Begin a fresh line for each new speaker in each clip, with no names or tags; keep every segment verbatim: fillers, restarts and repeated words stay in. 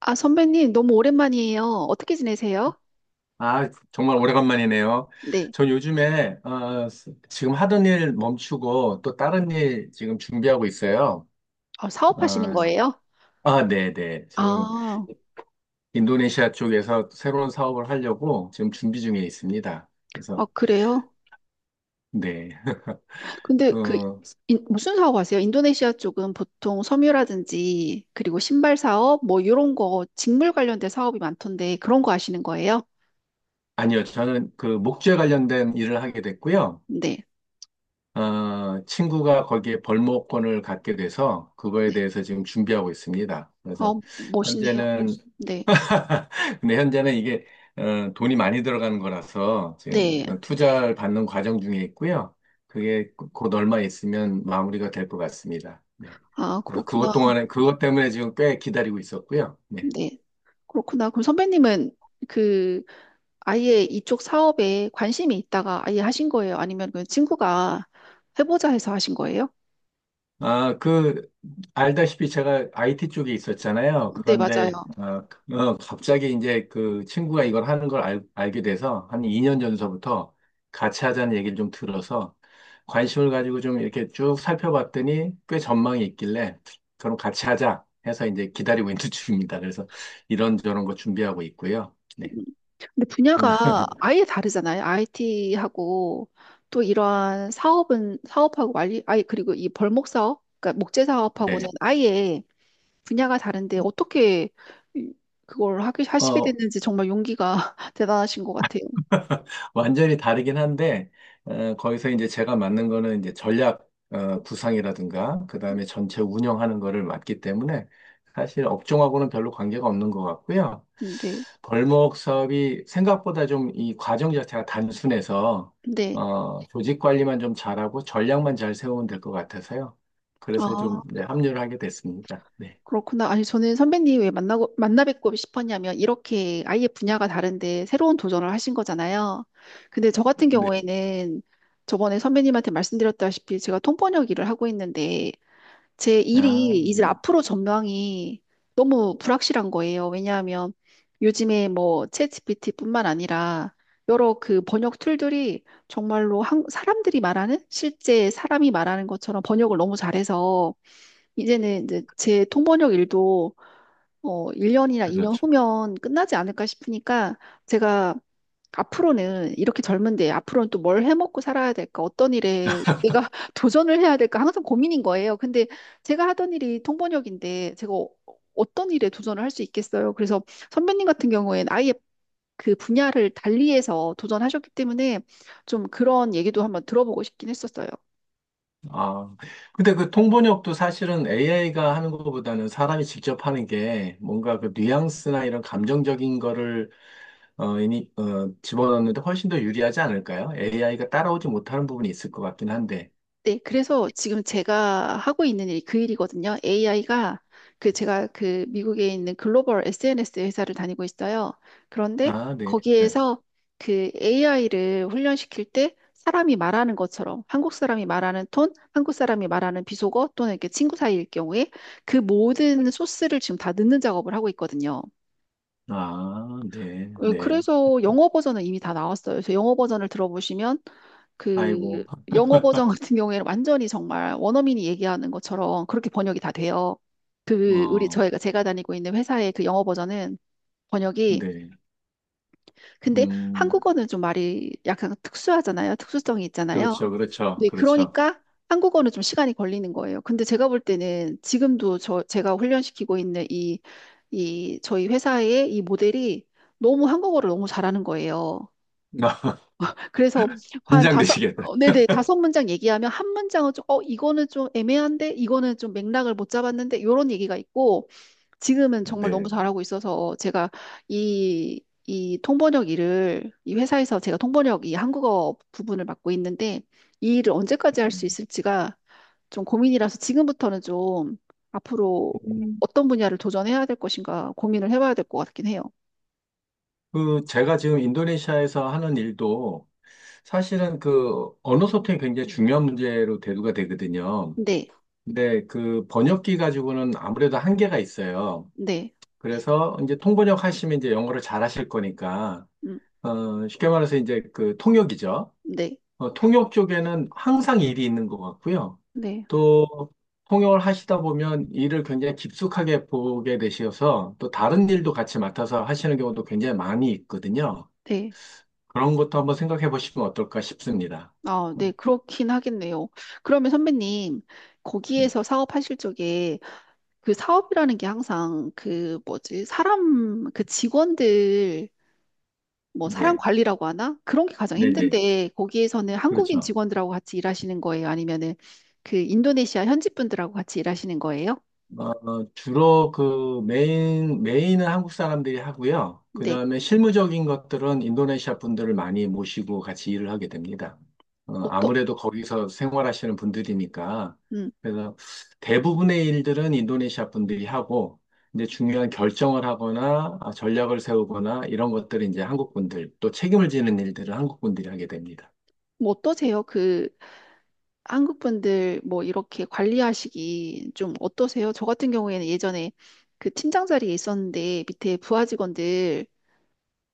아, 선배님, 너무 오랜만이에요. 어떻게 지내세요?
아, 정말 오래간만이네요.
네.
전 요즘에 어, 스- 지금 하던 일 멈추고 또 다른 일 지금 준비하고 있어요.
아,
어,
사업하시는 거예요?
아, 네네. 지금
아,
인도네시아 쪽에서 새로운 사업을 하려고 지금 준비 중에 있습니다.
아,
그래서,
그래요?
네.
근데 그,
어,
인- 무슨 사업 하세요? 인도네시아 쪽은 보통 섬유라든지, 그리고 신발 사업, 뭐, 이런 거, 직물 관련된 사업이 많던데, 그런 거 하시는 거예요?
아니요. 저는 그 목재 관련된 일을 하게 됐고요.
네.
어, 친구가 거기에 벌목권을 갖게 돼서 그거에
네.
대해서 지금 준비하고 있습니다.
아,
그래서
멋있네요.
현재는
네.
근데 현재는 이게 어, 돈이 많이 들어가는 거라서 지금
네.
투자를 받는 과정 중에 있고요. 그게 곧 얼마 있으면 마무리가 될 것 같습니다. 네.
아,
그래서 그것
그렇구나.
동안에 그것 때문에 지금 꽤 기다리고 있었고요. 네.
네. 그렇구나. 그럼 선배님은 그 아예 이쪽 사업에 관심이 있다가 아예 하신 거예요? 아니면 그 친구가 해보자 해서 하신 거예요?
아, 그, 알다시피 제가 아이티 쪽에 있었잖아요.
네, 맞아요.
그런데, 아, 어, 갑자기 이제 그 친구가 이걸 하는 걸 알, 알게 돼서 한 이 년 전서부터 같이 하자는 얘기를 좀 들어서 관심을 가지고 좀 이렇게 쭉 살펴봤더니 꽤 전망이 있길래 그럼 같이 하자 해서 이제 기다리고 있는 중입니다. 그래서 이런저런 거 준비하고 있고요. 네.
음. 근데 분야가 아예 다르잖아요. 아이티하고 또 이러한 사업은 사업하고 완리, 아예 그리고 이 벌목 사업, 그러니까 목재
네.
사업하고는 아예 분야가 다른데 어떻게 이- 그걸 하게 하시게
어,
됐는지 정말 용기가 대단하신 것 같아요.
완전히 다르긴 한데, 어, 거기서 이제 제가 맡는 거는 이제 전략 어, 구상이라든가, 그 다음에 전체 운영하는 거를 맡기 때문에 사실 업종하고는 별로 관계가 없는 것 같고요.
음, 네.
벌목 사업이 생각보다 좀 이 과정 자체가 단순해서,
네.
어, 조직 관리만 좀 잘하고 전략만 잘 세우면 될 것 같아서요. 그래서 좀
아,
네, 합류를 하게 됐습니다. 네.
그렇구나. 아니, 저는 선배님 왜 만나고, 만나 뵙고 싶었냐면, 이렇게 아예 분야가 다른데 새로운 도전을 하신 거잖아요. 근데 저 같은
네.
경우에는 저번에 선배님한테 말씀드렸다시피 제가 통번역 일을 하고 있는데, 제
아,
일이
네.
이제 앞으로 전망이 너무 불확실한 거예요. 왜냐하면 요즘에 뭐 챗지피티뿐만 아니라 여러 그 번역 툴들이 정말로 한, 사람들이 말하는 실제 사람이 말하는 것처럼 번역을 너무 잘해서 이제는 이제 제 통번역 일도 어 일 년이나 이 년
그렇죠.
후면 끝나지 않을까 싶으니까 제가 앞으로는 이렇게 젊은데 앞으로는 또 뭘 해먹고 살아야 될까? 어떤 일에 내가 도전을 해야 될까? 항상 고민인 거예요. 근데 제가 하던 일이 통번역인데 제가 어- 어떤 일에 도전을 할 수 있겠어요? 그래서 선배님 같은 경우에는 아예 그 분야를 달리해서 도전하셨기 때문에 좀 그런 얘기도 한번 들어보고 싶긴 했었어요.
아, 근데 그 통번역도 사실은 에이아이가 하는 것보다는 사람이 직접 하는 게 뭔가 그 뉘앙스나 이런 감정적인 거를 어, 이니, 어, 집어넣는데 훨씬 더 유리하지 않을까요? 에이아이가 따라오지 못하는 부분이 있을 것 같긴 한데.
네, 그래서 지금 제가 하고 있는 일이 그 일이거든요. 에이아이가 그 제가 그 미국에 있는 글로벌 에스엔에스 회사를 다니고 있어요. 그런데
아, 네. 네.
거기에서 그 에이아이를 훈련시킬 때 사람이 말하는 것처럼 한국 사람이 말하는 톤, 한국 사람이 말하는 비속어 또는 이렇게 친구 사이일 경우에 그 모든 소스를 지금 다 넣는 작업을 하고 있거든요.
아, 네.
그-
네.
그래서 영어 버전은 이미 다 나왔어요. 그래서 영어 버전을 들어보시면 그
아이고.
영어 버전 같은 경우에는 완전히 정말 원어민이 얘기하는 것처럼 그렇게 번역이 다 돼요. 그 우리
어,
저희가 제가 다니고 있는 회사의 그 영어 버전은 번역이
네.
근데
음,
한국어는 좀 말이 약간 특수하잖아요. 특수성이 있잖아요.
그렇죠. 그렇죠.
네,
그렇죠.
그러니까 한국어는 좀 시간이 걸리는 거예요. 근데 제가 볼 때는 지금도 저 제가 훈련시키고 있는 이 이 저희 회사의 이 모델이 너무 한국어를 너무 잘하는 거예요. 그래서 한 다섯,
긴장되시겠다.
어, 네네, 다섯 문장 얘기하면 한 문장은 좀, 어, 이거는 좀 애매한데, 이거는 좀 맥락을 못 잡았는데, 이런 얘기가 있고, 지금은 정말 너무
네.
잘하고 있어서 제가 이, 이 통번역 일을, 이 회사에서 제가 통번역 이 한국어 부분을 맡고 있는데, 이 일을 언제까지 할 수
음.
있을지가 좀 고민이라서 지금부터는 좀 앞으로
음,
어떤 분야를 도전해야 될 것인가 고민을 해봐야 될 것 같긴 해요.
그 제가 지금 인도네시아에서 하는 일도 사실은 그 언어 소통이 굉장히 중요한 문제로 대두가 되거든요.
네,
근데 그 번역기 가지고는 아무래도 한계가 있어요.
네,
그래서 이제 통번역 하시면 이제 영어를 잘 하실 거니까,
음,
어, 쉽게 말해서 이제 그 통역이죠.
네,
어, 통역 쪽에는 항상 일이 있는 것 같고요.
네,
또 통역을 하시다 보면 일을 굉장히 깊숙하게 보게 되셔서 또 다른 일도 같이 맡아서 하시는 경우도 굉장히 많이 있거든요.
네.
그런 것도 한번 생각해 보시면 어떨까 싶습니다.
아,
어,
네, 그렇긴 하겠네요. 그러면 선배님,
음.
거기에서 사업하실 적에 그 사업이라는 게 항상 그 뭐지, 사람, 그 직원들, 뭐 사람
네,
관리라고 하나? 그런 게 가장
네네.
힘든데, 거기에서는 한국인
그렇죠.
직원들하고 같이 일하시는 거예요? 아니면은 그 인도네시아 현지 분들하고 같이 일하시는 거예요?
어, 주로 그 메인, 메인은 한국 사람들이 하고요. 그
네,
다음에 실무적인 것들은 인도네시아 분들을 많이 모시고 같이 일을 하게 됩니다. 어,
어떠,
아무래도 거기서 생활하시는 분들이니까.
음,
그래서 대부분의 일들은 인도네시아 분들이 하고, 이제 중요한 결정을 하거나 아, 전략을 세우거나 이런 것들은 이제 한국 분들, 또 책임을 지는 일들은 한국 분들이 하게 됩니다.
뭐 어떠세요? 그 한국 분들 뭐 이렇게 관리하시기 좀 어떠세요? 저 같은 경우에는 예전에 그 팀장 자리에 있었는데 밑에 부하 직원들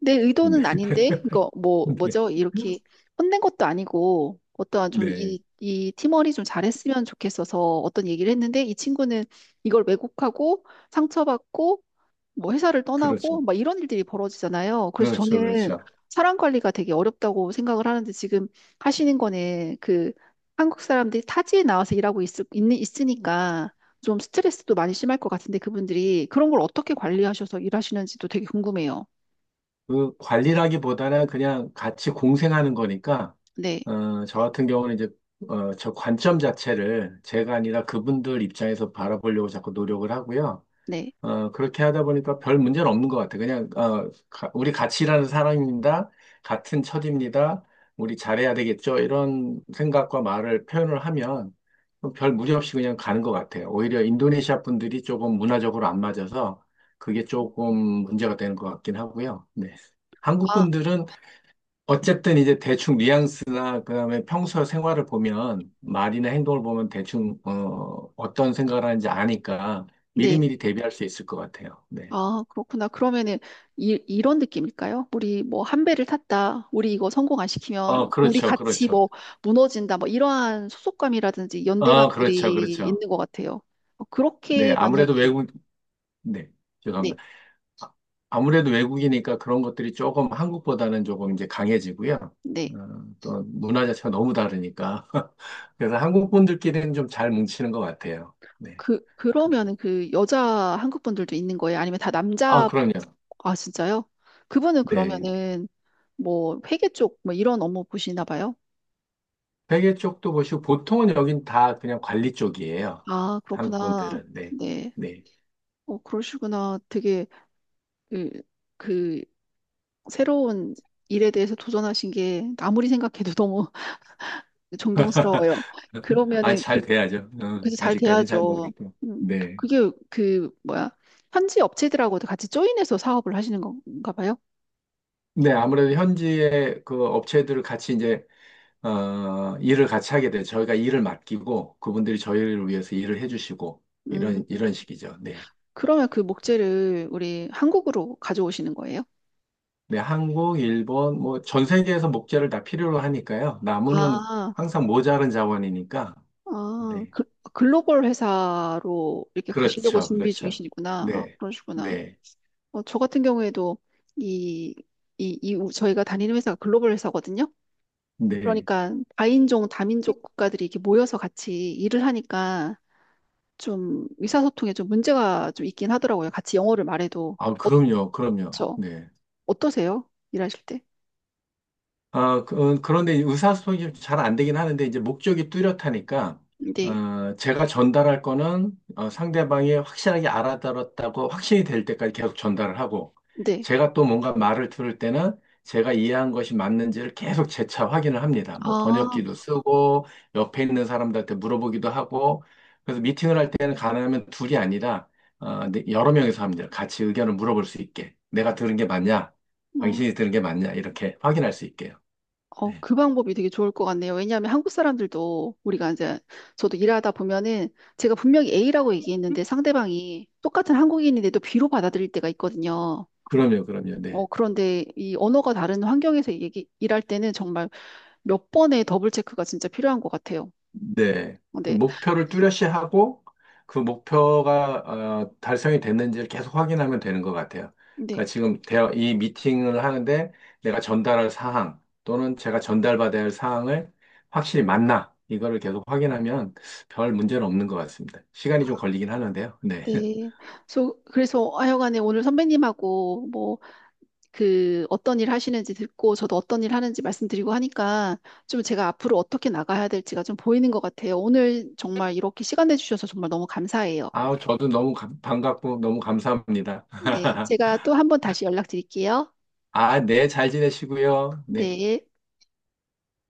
내
네.
의도는 아닌데 이거 뭐
네.
뭐죠? 이렇게 혼낸 것도 아니고 어떠한 좀
네.
이, 이 팀원이 좀 잘했으면 좋겠어서 어떤 얘기를 했는데 이 친구는 이걸 왜곡하고 상처받고 뭐 회사를
그렇죠.
떠나고 막 이런 일들이 벌어지잖아요. 그래서
그렇죠.
저는
그렇죠.
사람 관리가 되게 어렵다고 생각을 하는데 지금 하시는 거는 그 한국 사람들이 타지에 나와서 일하고 있, 있는, 있으니까 좀 스트레스도 많이 심할 것 같은데 그분들이 그런 걸 어떻게 관리하셔서 일하시는지도 되게 궁금해요.
그 관리라기보다는 그냥 같이 공생하는 거니까,
네,
어, 저 같은 경우는 이제, 어, 저 관점 자체를 제가 아니라 그분들 입장에서 바라보려고 자꾸 노력을 하고요.
네.
어, 그렇게 하다 보니까 별 문제는 없는 것 같아. 그냥, 어, 가- 우리 같이 일하는 사람입니다. 같은 처지입니다. 우리 잘해야 되겠죠. 이런 생각과 말을 표현을 하면 별 무리 없이 그냥 가는 것 같아요. 오히려 인도네시아 분들이 조금 문화적으로 안 맞아서 그게 조금 문제가 되는 것 같긴 하고요. 네. 한국
아,
분들은 어쨌든 이제 대충 뉘앙스나 그다음에 평소 생활을 보면 말이나 행동을 보면 대충 어, 어떤 생각을 하는지 아니까
네.
미리미리 대비할 수 있을 것 같아요. 네.
아, 그렇구나. 그러면은 이, 이런 느낌일까요? 우리 뭐 한 배를 탔다. 우리 이거 성공 안
어,
시키면 우리
그렇죠.
같이
그렇죠.
뭐 무너진다. 뭐 이러한 소속감이라든지
어, 그렇죠.
연대감들이
그렇죠.
있는 것 같아요. 어,
네.
그렇게
아무래도
만약에
외국 네.
네,
죄송합니다. 아, 아무래도 외국이니까 그런 것들이 조금 한국보다는 조금 이제 강해지고요.
네.
어, 또 문화 자체가 너무 다르니까. 그래서 한국 분들끼리는 좀 잘 뭉치는 것 같아요. 네.
그 그러면은 그 여자 한국 분들도 있는 거예요? 아니면 다
아,
남자?
그럼요.
아, 진짜요? 그분은
네.
그러면은 뭐 회계 쪽 뭐 이런 업무 보시나 봐요?
회계 쪽도 보시고 보통은 여긴 다 그냥 관리 쪽이에요.
아,
한국
그렇구나.
분들은 네,
네.
네.
어, 그러시구나. 되게 그그 새로운 일에 대해서 도전하신 게 아무리 생각해도 너무 존경스러워요.
아,
그러면은 그-
잘 돼야죠. 어,
그래서 잘
아직까지는 잘
돼야죠.
모르겠고.
음,
네.
그게 그 뭐야 현지 업체들하고도 같이 조인해서 사업을 하시는 건가 봐요.
네, 아무래도 현지의 그 업체들을 같이 이제, 어, 일을 같이 하게 돼요. 저희가 일을 맡기고, 그분들이 저희를 위해서 일을 해주시고,
음,
이런, 이런 식이죠. 네.
그러면 그 목재를 우리 한국으로 가져오시는 거예요?
네, 한국, 일본, 뭐, 전 세계에서 목재를 다 필요로 하니까요. 나무는
아,
항상 모자른 자원이니까.
아,
네.
그, 글로벌 회사로 이렇게 가시려고
그렇죠.
준비
그렇죠.
중이시구나. 아,
네.
그러시구나.
네.
어, 저 같은 경우에도 이, 이, 이, 우- 저희가 다니는 회사가 글로벌 회사거든요.
네.
그러니까 다인종, 다민족 국가들이 이렇게 모여서 같이 일을 하니까 좀 의사소통에 좀 문제가 좀 있긴 하더라고요. 같이 영어를 말해도.
아,
어,
그럼요, 그럼요.
저,
네.
어떠세요? 일하실 때?
어, 그- 어, 그런데 의사소통이 잘 안 되긴 하는데, 이제 목적이 뚜렷하니까,
네,
어, 제가 전달할 거는 어, 상대방이 확실하게 알아들었다고 확신이 될 때까지 계속 전달을 하고,
네.
제가 또 뭔가 말을 들을 때는 제가 이해한 것이 맞는지를 계속 재차 확인을 합니다. 뭐
아,
번역기도 쓰고, 옆에 있는 사람들한테 물어보기도 하고, 그래서 미팅을 할 때는 가능하면 둘이 아니라, 어, 네, 여러 명이서 합니다. 같이 의견을 물어볼 수 있게. 내가 들은 게 맞냐?
음.
당신이 들은 게 맞냐? 이렇게 확인할 수 있게요.
어,
네.
그 방법이 되게 좋을 것 같네요. 왜냐하면 한국 사람들도 우리가 이제 저도 일하다 보면은 제가 분명히 A라고 얘기했는데 상대방이 똑같은 한국인인데도 B로 받아들일 때가 있거든요.
그럼요, 그럼요. 네.
어, 그런데 이 언어가 다른 환경에서 얘기, 일할 때는 정말 몇 번의 더블 체크가 진짜 필요한 것 같아요.
네.
어,
그
네.
목표를 뚜렷이 하고 그 목표가 어, 달성이 됐는지를 계속 확인하면 되는 것 같아요. 그러니까
네.
지금 대화, 이 미팅을 하는데 내가 전달할 사항 또는 제가 전달받아야 할 사항을 확실히 맞나 이거를 계속 확인하면 별 문제는 없는 것 같습니다. 시간이 좀
아,
걸리긴 하는데요. 네.
네. 소- 그래서 하여간에 오늘 선배님하고 뭐 그 어떤 일 하시는지 듣고 저도 어떤 일 하는지 말씀드리고 하니까 좀 제가 앞으로 어떻게 나가야 될지가 좀 보이는 것 같아요. 오늘 정말 이렇게 시간 내주셔서 정말 너무 감사해요.
아, 저도 너무 감- 반갑고 너무 감사합니다.
네. 제가 또 한 번 다시 연락드릴게요.
아, 네, 잘 지내시고요. 네.
네.